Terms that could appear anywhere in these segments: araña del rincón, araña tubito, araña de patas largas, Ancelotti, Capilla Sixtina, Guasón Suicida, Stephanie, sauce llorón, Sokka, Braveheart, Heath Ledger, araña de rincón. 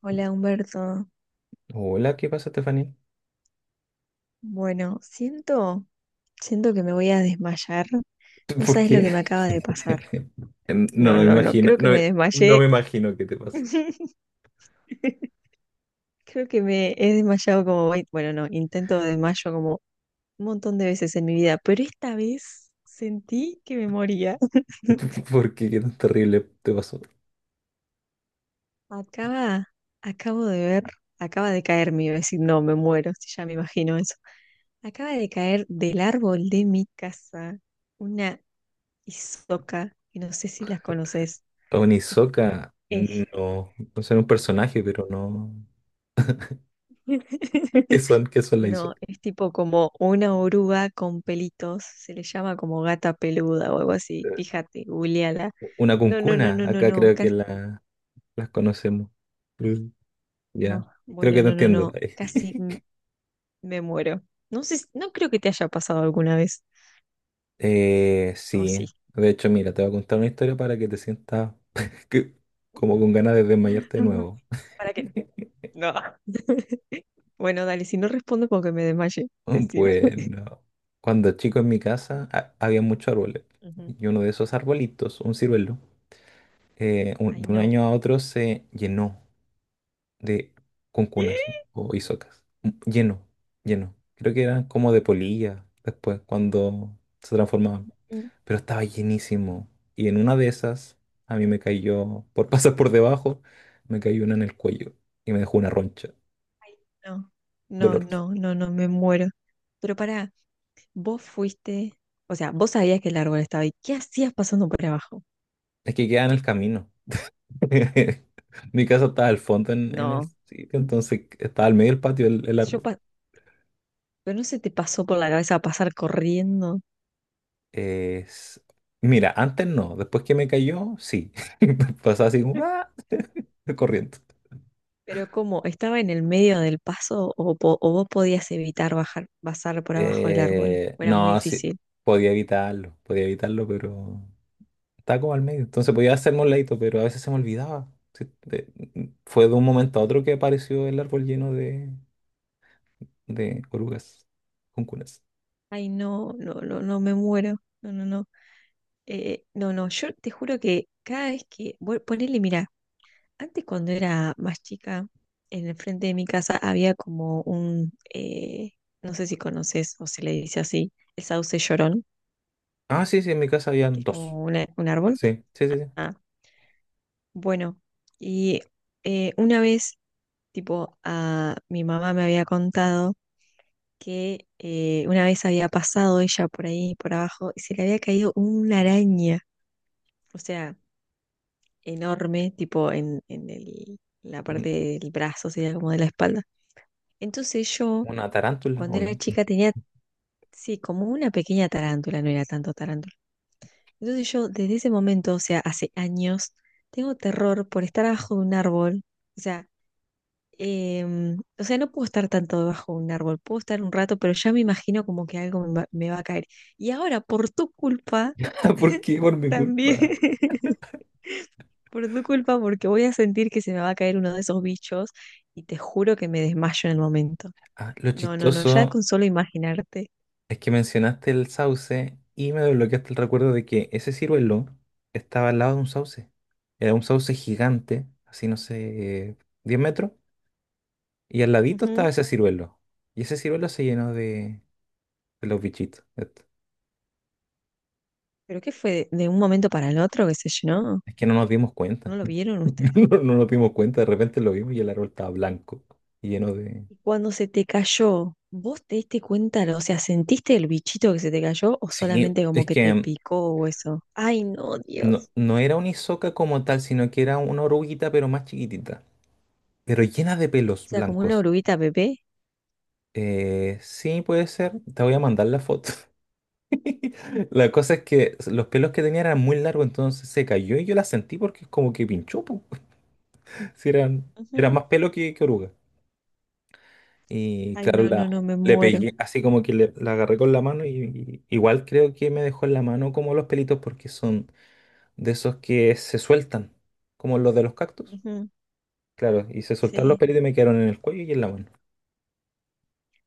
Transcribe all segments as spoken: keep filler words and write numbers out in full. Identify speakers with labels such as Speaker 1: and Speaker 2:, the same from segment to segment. Speaker 1: Hola Humberto.
Speaker 2: Hola, ¿qué pasa, Stephanie?
Speaker 1: Bueno, siento, siento que me voy a desmayar. No
Speaker 2: ¿Por
Speaker 1: sabes lo que
Speaker 2: qué?
Speaker 1: me acaba de pasar.
Speaker 2: Em, No,
Speaker 1: No,
Speaker 2: no me
Speaker 1: no, no,
Speaker 2: imagino,
Speaker 1: creo que
Speaker 2: no,
Speaker 1: me
Speaker 2: me- no
Speaker 1: desmayé.
Speaker 2: me imagino qué te pasa.
Speaker 1: Creo que me he desmayado como, vein- bueno, no, intento desmayo como un montón de veces en mi vida, pero esta vez sentí que me moría.
Speaker 2: ¿Por qué? ¿Qué tan terrible te pasó?
Speaker 1: Acaba, acabo de ver, acaba de caer, me iba a decir, no, me muero, si ya me imagino eso. Acaba de caer del árbol de mi casa una y Sokka, que no sé si las conoces.
Speaker 2: Onisoka,
Speaker 1: Eh,
Speaker 2: no, no sé, era un personaje, pero no. ¿Qué son? ¿Qué son las
Speaker 1: No,
Speaker 2: Isoka?
Speaker 1: es tipo como una oruga con pelitos, se le llama como gata peluda o algo así.
Speaker 2: Eh,
Speaker 1: Fíjate, googleala.
Speaker 2: Una
Speaker 1: No, no, no,
Speaker 2: cuncuna,
Speaker 1: no, no,
Speaker 2: acá
Speaker 1: no.
Speaker 2: creo que
Speaker 1: Casi.
Speaker 2: la, las conocemos. Mm. Ya,
Speaker 1: No,
Speaker 2: creo
Speaker 1: bueno,
Speaker 2: que te
Speaker 1: no, no,
Speaker 2: entiendo.
Speaker 1: no. Casi m- me muero. No sé, si- no creo que te haya pasado alguna vez.
Speaker 2: Eh,
Speaker 1: O sí.
Speaker 2: sí, de hecho, mira, te voy a contar una historia para que te sientas que- como con ganas de desmayarte de
Speaker 1: Ujú.
Speaker 2: nuevo.
Speaker 1: ¿Para qué? No. Bueno, dale, si no respondo porque me desmaye. Decime.
Speaker 2: Bueno, cuando chico en mi casa ha- había muchos árboles
Speaker 1: Ujú.
Speaker 2: y uno de esos arbolitos, un ciruelo, eh, un-
Speaker 1: Ay,
Speaker 2: de un
Speaker 1: no.
Speaker 2: año a otro se llenó de cuncunas o isocas. Mm, Lleno, lleno. Creo que eran como de polilla después cuando se transformaban, pero estaba llenísimo. Y en una de esas a mí me cayó, por pasar por debajo, me cayó una en el cuello y me dejó una roncha
Speaker 1: No, no,
Speaker 2: dolorosa.
Speaker 1: no, no, no, me muero. Pero pará, vos fuiste, o sea, vos sabías que el árbol estaba ahí. ¿Qué hacías pasando por abajo?
Speaker 2: Es que queda en el camino. Mi casa estaba al fondo en, en el
Speaker 1: No,
Speaker 2: sitio, entonces estaba al medio del patio el, el
Speaker 1: yo,
Speaker 2: árbol.
Speaker 1: pa- pero no se te pasó por la cabeza pasar corriendo.
Speaker 2: Es- Mira, antes no, después que me cayó, sí. Pasaba así como ¡ah! corriendo.
Speaker 1: Pero ¿cómo? ¿Estaba en el medio del paso o, po- o vos podías evitar bajar, pasar por abajo del árbol?
Speaker 2: Eh,
Speaker 1: ¿O era muy
Speaker 2: no, sí,
Speaker 1: difícil?
Speaker 2: podía evitarlo, podía evitarlo, pero estaba como al medio. Entonces podía hacerme un ladito, pero a veces se me olvidaba. Sí, de- fue de un momento a otro que apareció el árbol lleno de, de orugas, cuncunas.
Speaker 1: Ay, no, no, no, no, me muero. No, no, no. Eh, no, no, yo te juro que cada vez que, vos- ponele, mirá, antes, cuando era más chica, en el frente de mi casa había como un, eh, no sé si conoces o se le dice así, el sauce llorón,
Speaker 2: Ah, sí, sí, en mi casa habían
Speaker 1: que es
Speaker 2: dos.
Speaker 1: como una- un árbol.
Speaker 2: Sí, sí, sí, sí.
Speaker 1: Ah, bueno, y eh, una vez, tipo, a, mi mamá me había contado que eh, una vez había pasado ella por ahí, por abajo, y se le había caído una araña, o sea, enorme, tipo en, en el- la parte del brazo, sería como de la espalda. Entonces yo
Speaker 2: ¿Una tarántula
Speaker 1: Cuando
Speaker 2: o
Speaker 1: era
Speaker 2: no?
Speaker 1: chica tenía, sí, como una pequeña tarántula, no era tanto tarántula. Entonces yo desde ese momento, o sea, hace años, tengo terror por estar abajo de un árbol. O sea, em, o sea, no puedo estar tanto debajo de un árbol, puedo estar un rato, pero ya me imagino como que algo me va, me va a caer. Y ahora, por tu culpa,
Speaker 2: ¿Por qué? Por mi
Speaker 1: también,
Speaker 2: culpa.
Speaker 1: por tu culpa, porque voy a sentir que se me va a caer uno de esos bichos y te juro que me desmayo en el momento.
Speaker 2: Ah, lo
Speaker 1: No, no, no, ya
Speaker 2: chistoso
Speaker 1: con solo imaginarte.
Speaker 2: es que mencionaste el sauce y me desbloqueaste el recuerdo de que ese ciruelo estaba al lado de un sauce. Era un sauce gigante, así no sé, diez metros, y al ladito estaba
Speaker 1: Ujú.
Speaker 2: ese ciruelo. Y ese ciruelo se llenó de, de los bichitos estos.
Speaker 1: ¿Pero qué fue? ¿De un momento para el otro que se llenó?
Speaker 2: Es que no nos dimos cuenta.
Speaker 1: ¿No lo vieron ustedes?
Speaker 2: No, no nos dimos cuenta, de repente lo vimos y el árbol estaba blanco, lleno de...
Speaker 1: Y cuando se te cayó, ¿vos te diste cuenta? O sea, ¿sentiste el bichito que se te cayó o
Speaker 2: Sí,
Speaker 1: solamente como
Speaker 2: es
Speaker 1: que te
Speaker 2: que
Speaker 1: picó o eso? Ay, no,
Speaker 2: no,
Speaker 1: Dios.
Speaker 2: no era una isoca como
Speaker 1: O
Speaker 2: tal, sino que era una oruguita, pero más chiquitita. Pero llena de pelos
Speaker 1: sea, como una
Speaker 2: blancos.
Speaker 1: oruguita bebé.
Speaker 2: Eh, sí, puede ser. Te voy a mandar la foto. La cosa es que los pelos que tenía eran muy largos, entonces se cayó y yo la sentí porque como que pinchó, po. Sí, eran, era
Speaker 1: Ujú.
Speaker 2: más pelo que, que oruga. Y
Speaker 1: Ay,
Speaker 2: claro,
Speaker 1: no,
Speaker 2: la,
Speaker 1: no, no, me
Speaker 2: le
Speaker 1: muero.
Speaker 2: pegué, así como que le- la agarré con la mano y, y igual creo que me dejó en la mano como los pelitos porque son de esos que se sueltan, como los de los cactus.
Speaker 1: Ujú.
Speaker 2: Claro, y se soltaron los
Speaker 1: Sí.
Speaker 2: pelitos y me quedaron en el cuello y en la mano.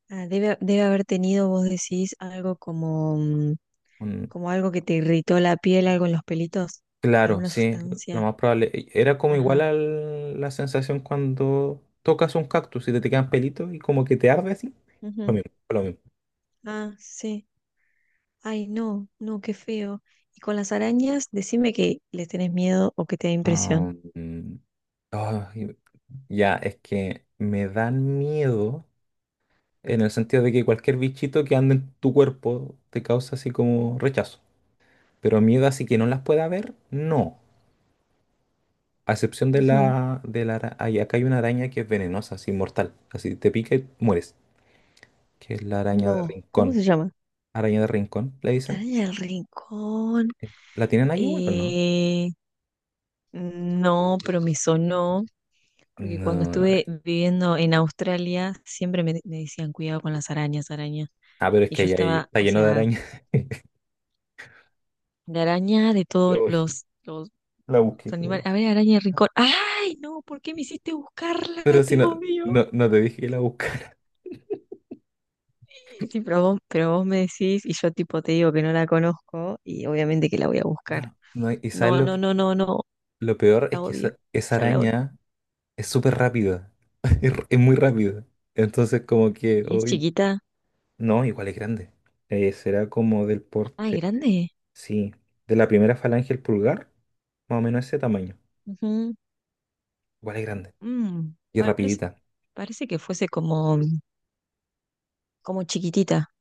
Speaker 1: Ah, debe, debe haber tenido, vos decís, algo como, mm,
Speaker 2: Un-
Speaker 1: como algo que te irritó la piel, algo en los pelitos,
Speaker 2: Claro,
Speaker 1: alguna
Speaker 2: sí, lo
Speaker 1: sustancia.
Speaker 2: más probable. E- Era como igual
Speaker 1: Ajá.
Speaker 2: a la sensación cuando tocas un cactus y te, te quedan pelitos y como que te arde así. Lo
Speaker 1: Ujú.
Speaker 2: mismo, fue lo mismo.
Speaker 1: Ah, sí. Ay, no, no, qué feo. Y con las arañas, decime que les tenés miedo o que te da impresión.
Speaker 2: Ah, mm, ay, ya, es que me dan miedo en el sentido de que cualquier bichito que ande en tu cuerpo te causa así como rechazo. Pero miedo así que no las pueda ver, no. A excepción de
Speaker 1: Ujú.
Speaker 2: la, de la ara- ay, acá hay una araña que es venenosa, así mortal. Así te pica y mueres. Que es la araña de
Speaker 1: No, ¿cómo
Speaker 2: rincón.
Speaker 1: se llama?
Speaker 2: Araña de rincón, le
Speaker 1: La
Speaker 2: dicen.
Speaker 1: araña del rincón.
Speaker 2: ¿La tienen ahí, bueno, o no?
Speaker 1: eh, no, pero me sonó, porque cuando
Speaker 2: No, no.
Speaker 1: estuve viviendo en Australia, siempre me, me decían, cuidado con las arañas, araña.
Speaker 2: Ah, pero es
Speaker 1: Y
Speaker 2: que
Speaker 1: yo
Speaker 2: ahí hay-
Speaker 1: estaba,
Speaker 2: está
Speaker 1: o
Speaker 2: lleno de
Speaker 1: sea,
Speaker 2: arañas.
Speaker 1: la araña de todos
Speaker 2: Uy,
Speaker 1: los, los
Speaker 2: la busqué.
Speaker 1: animales. A ver, araña del rincón. ¡Ay, no! ¿Por qué me hiciste buscarla?
Speaker 2: Pero si
Speaker 1: Te
Speaker 2: no,
Speaker 1: odio.
Speaker 2: no, no te dije que la buscara.
Speaker 1: Sí, pero vos, pero vos me decís y yo tipo te digo que no la conozco y obviamente que la voy a buscar.
Speaker 2: No, no, y sabes
Speaker 1: No,
Speaker 2: lo,
Speaker 1: no, no, no, no,
Speaker 2: lo peor es
Speaker 1: la
Speaker 2: que
Speaker 1: odio,
Speaker 2: esa, esa
Speaker 1: ya la odio.
Speaker 2: araña es súper rápida. Es, r- es muy rápida. Entonces, como que
Speaker 1: ¿Y es
Speaker 2: hoy.
Speaker 1: chiquita?
Speaker 2: No, igual es grande. Eh, será como del
Speaker 1: Ay,
Speaker 2: porte.
Speaker 1: grande.
Speaker 2: Sí, de la primera falange al pulgar, más o menos ese tamaño.
Speaker 1: Ujú.
Speaker 2: Igual es grande.
Speaker 1: Mm,
Speaker 2: Y
Speaker 1: parece,
Speaker 2: rapidita.
Speaker 1: parece que fuese como, como, chiquitita.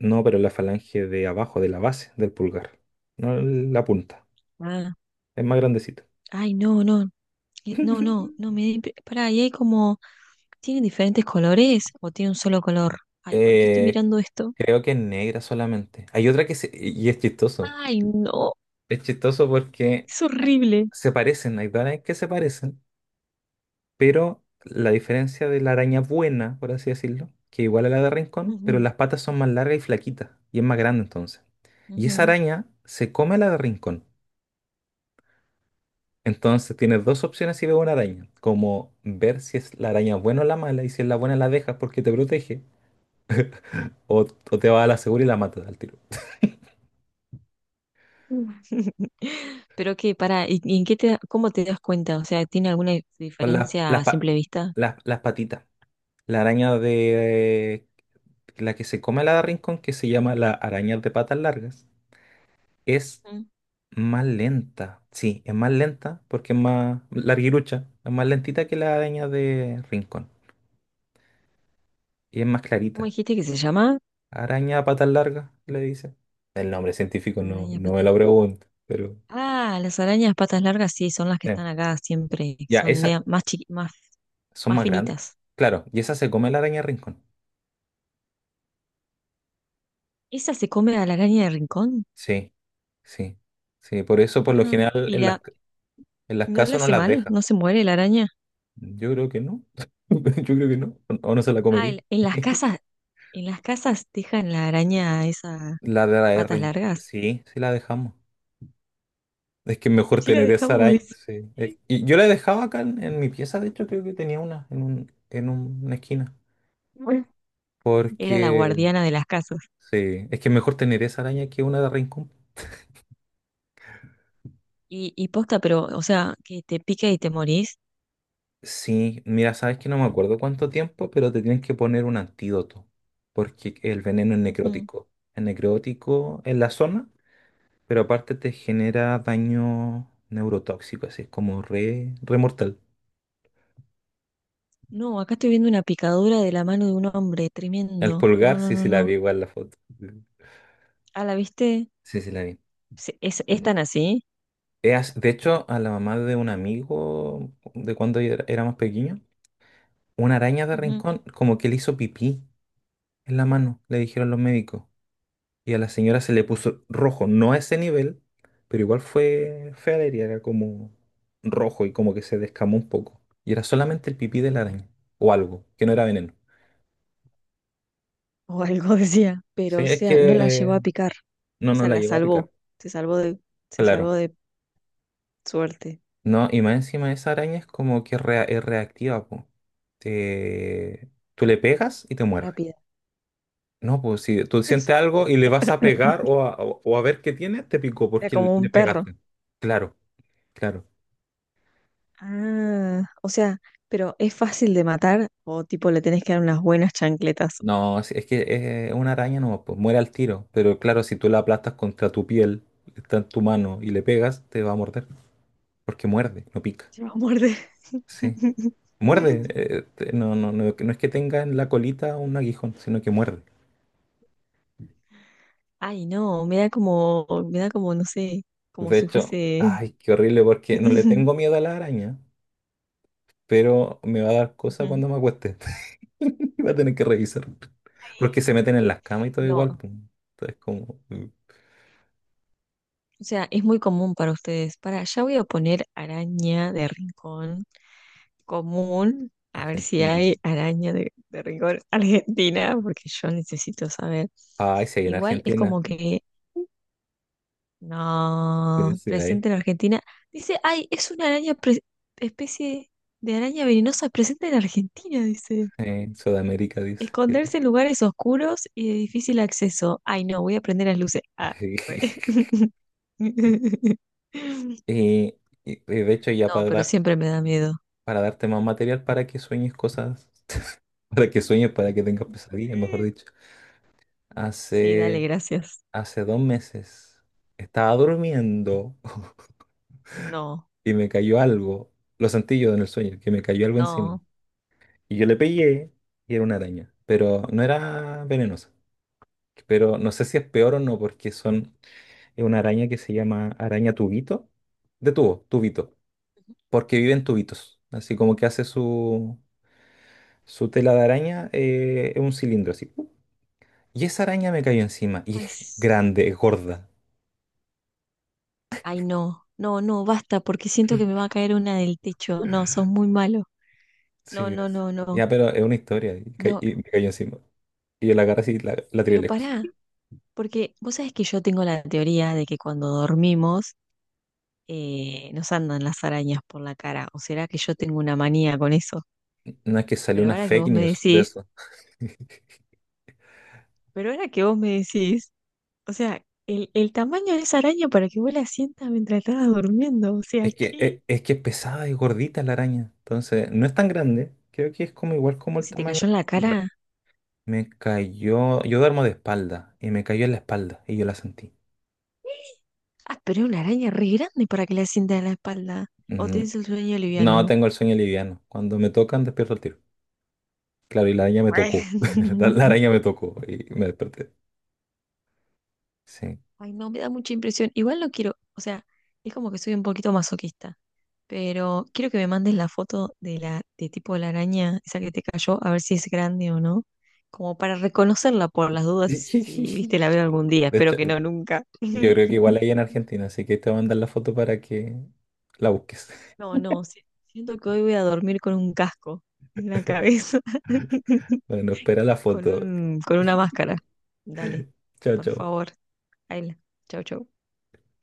Speaker 2: No, pero la falange de abajo, de la base del pulgar. No la punta.
Speaker 1: Ah,
Speaker 2: Es más grandecita.
Speaker 1: ay, no, no, eh, no, no, no me... di- Pará, y hay como. ¿Tienen diferentes colores o tiene un solo color? Ay, ¿por qué estoy
Speaker 2: Eh,
Speaker 1: mirando esto?
Speaker 2: Creo que es negra solamente. Hay otra que se... Y es chistoso.
Speaker 1: Ay, no,
Speaker 2: Es chistoso porque
Speaker 1: es horrible.
Speaker 2: se parecen, hay varias que se parecen, pero la diferencia de la araña buena, por así decirlo, que igual a la de Rincón, pero
Speaker 1: Ujú,
Speaker 2: las patas son más largas y flaquitas, y es más grande entonces. Y esa araña se come a la de Rincón. Entonces tienes dos opciones si ves una araña, como ver si es la araña buena o la mala, y si es la buena la dejas porque te protege, o, o te vas a la segura y la matas al tiro.
Speaker 1: ujú. Pero que para, ¿y, y en qué te, cómo te das cuenta? O sea, ¿tiene alguna
Speaker 2: Pues las,
Speaker 1: diferencia
Speaker 2: las,
Speaker 1: a
Speaker 2: pa-
Speaker 1: simple vista?
Speaker 2: las, las patitas. La araña de la que se come a la de rincón, que se llama la araña de patas largas, es
Speaker 1: Ujú.
Speaker 2: más lenta. Sí, es más lenta porque es más larguirucha, es más lentita que la araña de rincón. Y es más
Speaker 1: ¿Cómo
Speaker 2: clarita.
Speaker 1: dijiste que se llama?
Speaker 2: Araña a patas largas, le dice. El nombre científico no,
Speaker 1: Arañas
Speaker 2: no me
Speaker 1: patas.
Speaker 2: lo pregunto, pero...
Speaker 1: Ah, las arañas patas largas sí, son las que
Speaker 2: eh.
Speaker 1: están acá siempre, que
Speaker 2: Ya,
Speaker 1: son
Speaker 2: esas
Speaker 1: mea- más chiqui- más,
Speaker 2: son
Speaker 1: más
Speaker 2: más grandes.
Speaker 1: finitas.
Speaker 2: Claro, y esa se come la araña rincón.
Speaker 1: ¿Esa se come a la araña de rincón?
Speaker 2: Sí, sí, sí. Por eso, por lo
Speaker 1: Ajá.
Speaker 2: general,
Speaker 1: ¿Y
Speaker 2: en las,
Speaker 1: la,
Speaker 2: en las
Speaker 1: no le
Speaker 2: casas no
Speaker 1: hace
Speaker 2: las
Speaker 1: mal?
Speaker 2: deja.
Speaker 1: ¿No se muere la araña?
Speaker 2: Yo creo que no. Yo creo que no. O no se la
Speaker 1: Ah,
Speaker 2: comería.
Speaker 1: en, en las casas, en las casas dejan la araña esas
Speaker 2: La de la
Speaker 1: patas
Speaker 2: rincón.
Speaker 1: largas.
Speaker 2: Sí, sí la dejamos. Es que es mejor
Speaker 1: Sí la
Speaker 2: tener esa
Speaker 1: dejamos,
Speaker 2: araña.
Speaker 1: dice.
Speaker 2: Sí. Es- Y yo la dejaba acá en, en mi pieza, de hecho, creo que tenía una en un, en una esquina.
Speaker 1: Bueno. Era la
Speaker 2: Porque
Speaker 1: guardiana de las casas.
Speaker 2: sí, es que es mejor tener esa araña que una de Rincón.
Speaker 1: Y, y posta, pero, o sea, que te pica y te morís.
Speaker 2: Sí, mira, sabes que no me acuerdo cuánto tiempo, pero te tienes que poner un antídoto, porque el veneno es
Speaker 1: Ujú.
Speaker 2: necrótico. Es necrótico en la zona, pero aparte te genera daño neurotóxico, así es como re, re mortal.
Speaker 1: No, acá estoy viendo una picadura de la mano de un hombre,
Speaker 2: El
Speaker 1: tremendo.
Speaker 2: pulgar,
Speaker 1: No, no,
Speaker 2: sí,
Speaker 1: no,
Speaker 2: sí la
Speaker 1: no.
Speaker 2: vi igual la foto.
Speaker 1: Ah, ¿la viste?
Speaker 2: Sí, sí la vi.
Speaker 1: Se- ¿Es, es tan así?
Speaker 2: Eh, as- De hecho, a la mamá de un amigo, de cuando era era más pequeño, una araña de
Speaker 1: Ujú.
Speaker 2: Rincón como que le hizo pipí en la mano, le dijeron los médicos. Y a la señora se le puso rojo, no a ese nivel, pero igual fue fea la herida, era como rojo y como que se descamó un poco. Y era solamente el pipí de la araña, o algo, que no era veneno.
Speaker 1: O algo decía. Pero,
Speaker 2: Sí,
Speaker 1: o
Speaker 2: es
Speaker 1: sea, no la llevó
Speaker 2: que
Speaker 1: a picar.
Speaker 2: no
Speaker 1: O
Speaker 2: nos
Speaker 1: sea,
Speaker 2: la
Speaker 1: la
Speaker 2: llegó a picar,
Speaker 1: salvó. Se salvó de, se salvó
Speaker 2: claro.
Speaker 1: de suerte.
Speaker 2: No, y más encima esa araña es como que rea- es reactiva, po. Te- Tú le pegas y te muerde.
Speaker 1: Rápida.
Speaker 2: No, pues si tú
Speaker 1: Es-
Speaker 2: sientes algo y le vas a pegar o a, o o a ver qué tiene, te picó
Speaker 1: Era
Speaker 2: porque
Speaker 1: como
Speaker 2: le
Speaker 1: un perro.
Speaker 2: pegaste. Claro, claro.
Speaker 1: Ah, o sea, pero ¿es fácil de matar o tipo le tenés que dar unas buenas chancletas?
Speaker 2: No, es es que es una araña no, pues muere al tiro. Pero claro, si tú la aplastas contra tu piel, está en tu mano y le pegas, te va a morder. Porque muerde, no pica.
Speaker 1: Se va a morder.
Speaker 2: Sí. Muerde. Eh, te- no, no, no, no es que tenga en la colita un aguijón, sino que muerde.
Speaker 1: Ay, no, me da como, me da como, no sé, como
Speaker 2: De
Speaker 1: si
Speaker 2: hecho,
Speaker 1: fuese...
Speaker 2: ay, qué horrible, porque no le tengo miedo a la araña, pero me va a dar cosa
Speaker 1: Ujú.
Speaker 2: cuando me acueste. Y va a tener que revisar. Porque se meten en las camas y todo
Speaker 1: No,
Speaker 2: igual,
Speaker 1: o
Speaker 2: pues. Entonces, como mm,
Speaker 1: sea, es muy común para ustedes. Para, ya voy a poner araña de rincón común, a ver si
Speaker 2: Argentina.
Speaker 1: hay araña de, de rincón argentina, porque yo necesito saber.
Speaker 2: Ay, sí, hay en
Speaker 1: Igual es
Speaker 2: Argentina.
Speaker 1: como que
Speaker 2: Sí,
Speaker 1: no,
Speaker 2: sí, hay.
Speaker 1: presente en Argentina. Dice, ay, es una araña, pre- especie de araña venenosa presente en Argentina, dice.
Speaker 2: Eh, Sudamérica dice.
Speaker 1: Esconderse en lugares oscuros y de difícil acceso. Ay, no, voy a prender las luces. Ah, re.
Speaker 2: Eh, y- y de hecho, ya
Speaker 1: No,
Speaker 2: para
Speaker 1: pero
Speaker 2: dar,
Speaker 1: siempre me da miedo.
Speaker 2: para darte más material para que sueñes cosas, para que sueñes, para que tengas pesadillas, mejor dicho.
Speaker 1: Sí, dale,
Speaker 2: Hace,
Speaker 1: gracias.
Speaker 2: Hace dos meses estaba durmiendo
Speaker 1: No,
Speaker 2: y me cayó algo. Lo sentí yo en el sueño, que me cayó algo encima.
Speaker 1: no.
Speaker 2: Y yo le pegué y era una araña, pero no era venenosa. Pero no sé si es peor o no, porque son, es una araña que se llama araña tubito, de tubo, tubito, porque vive en tubitos. Así como que hace su, su tela de araña eh, en un cilindro así. ¡Pup! Y esa araña me cayó encima. Y
Speaker 1: Ay,
Speaker 2: es
Speaker 1: s-
Speaker 2: grande, es gorda.
Speaker 1: ay, no. No, no, basta, porque siento que me va a caer una del techo. No, sos muy malo. No,
Speaker 2: Sí,
Speaker 1: no,
Speaker 2: ves.
Speaker 1: no, no.
Speaker 2: Ya, pero es una historia. Y, ca-
Speaker 1: No,
Speaker 2: y me cayó encima. Y yo la agarré así y la, la tiré
Speaker 1: pero
Speaker 2: lejos, así.
Speaker 1: pará, porque vos sabés que yo tengo la teoría de que cuando dormimos eh, nos andan las arañas por la cara. ¿O será que yo tengo una manía con eso?
Speaker 2: No, es que salió
Speaker 1: Pero
Speaker 2: una
Speaker 1: ahora que
Speaker 2: fake
Speaker 1: vos me
Speaker 2: news de
Speaker 1: decís,
Speaker 2: eso.
Speaker 1: pero ahora que vos me decís, o sea, el, el tamaño de esa araña para que vos la sientas mientras estabas durmiendo, o sea,
Speaker 2: Es que
Speaker 1: ¿qué?
Speaker 2: es, es que es pesada y gordita la araña. Entonces, no es tan grande. Creo que es como igual como el
Speaker 1: Si te
Speaker 2: tamaño.
Speaker 1: cayó en la cara.
Speaker 2: Me cayó. Yo duermo de espalda. Y me cayó en la espalda. Y yo la sentí.
Speaker 1: Ah, pero es una araña re grande para que la sientas en la espalda. O tenés el sueño
Speaker 2: No,
Speaker 1: liviano.
Speaker 2: tengo el sueño liviano. Cuando me tocan, despierto el tiro. Claro, y la araña me tocó. La la araña me tocó y me desperté. Sí.
Speaker 1: Ay, no, me da mucha impresión. Igual no quiero, o sea, es como que soy un poquito masoquista. Pero quiero que me mandes la foto de la de tipo de la araña, esa que te cayó, a ver si es grande o no, como para reconocerla por las dudas, si viste la veo
Speaker 2: De
Speaker 1: algún día, espero
Speaker 2: hecho,
Speaker 1: que no nunca.
Speaker 2: yo creo que igual hay en Argentina, así que te voy a mandar la foto para que la busques.
Speaker 1: No, no, si- siento que hoy voy a dormir con un casco en la cabeza,
Speaker 2: Bueno, espera la
Speaker 1: con
Speaker 2: foto.
Speaker 1: un, con una máscara. Dale,
Speaker 2: Chao,
Speaker 1: por
Speaker 2: chao.
Speaker 1: favor, Ayla. Chau, chau.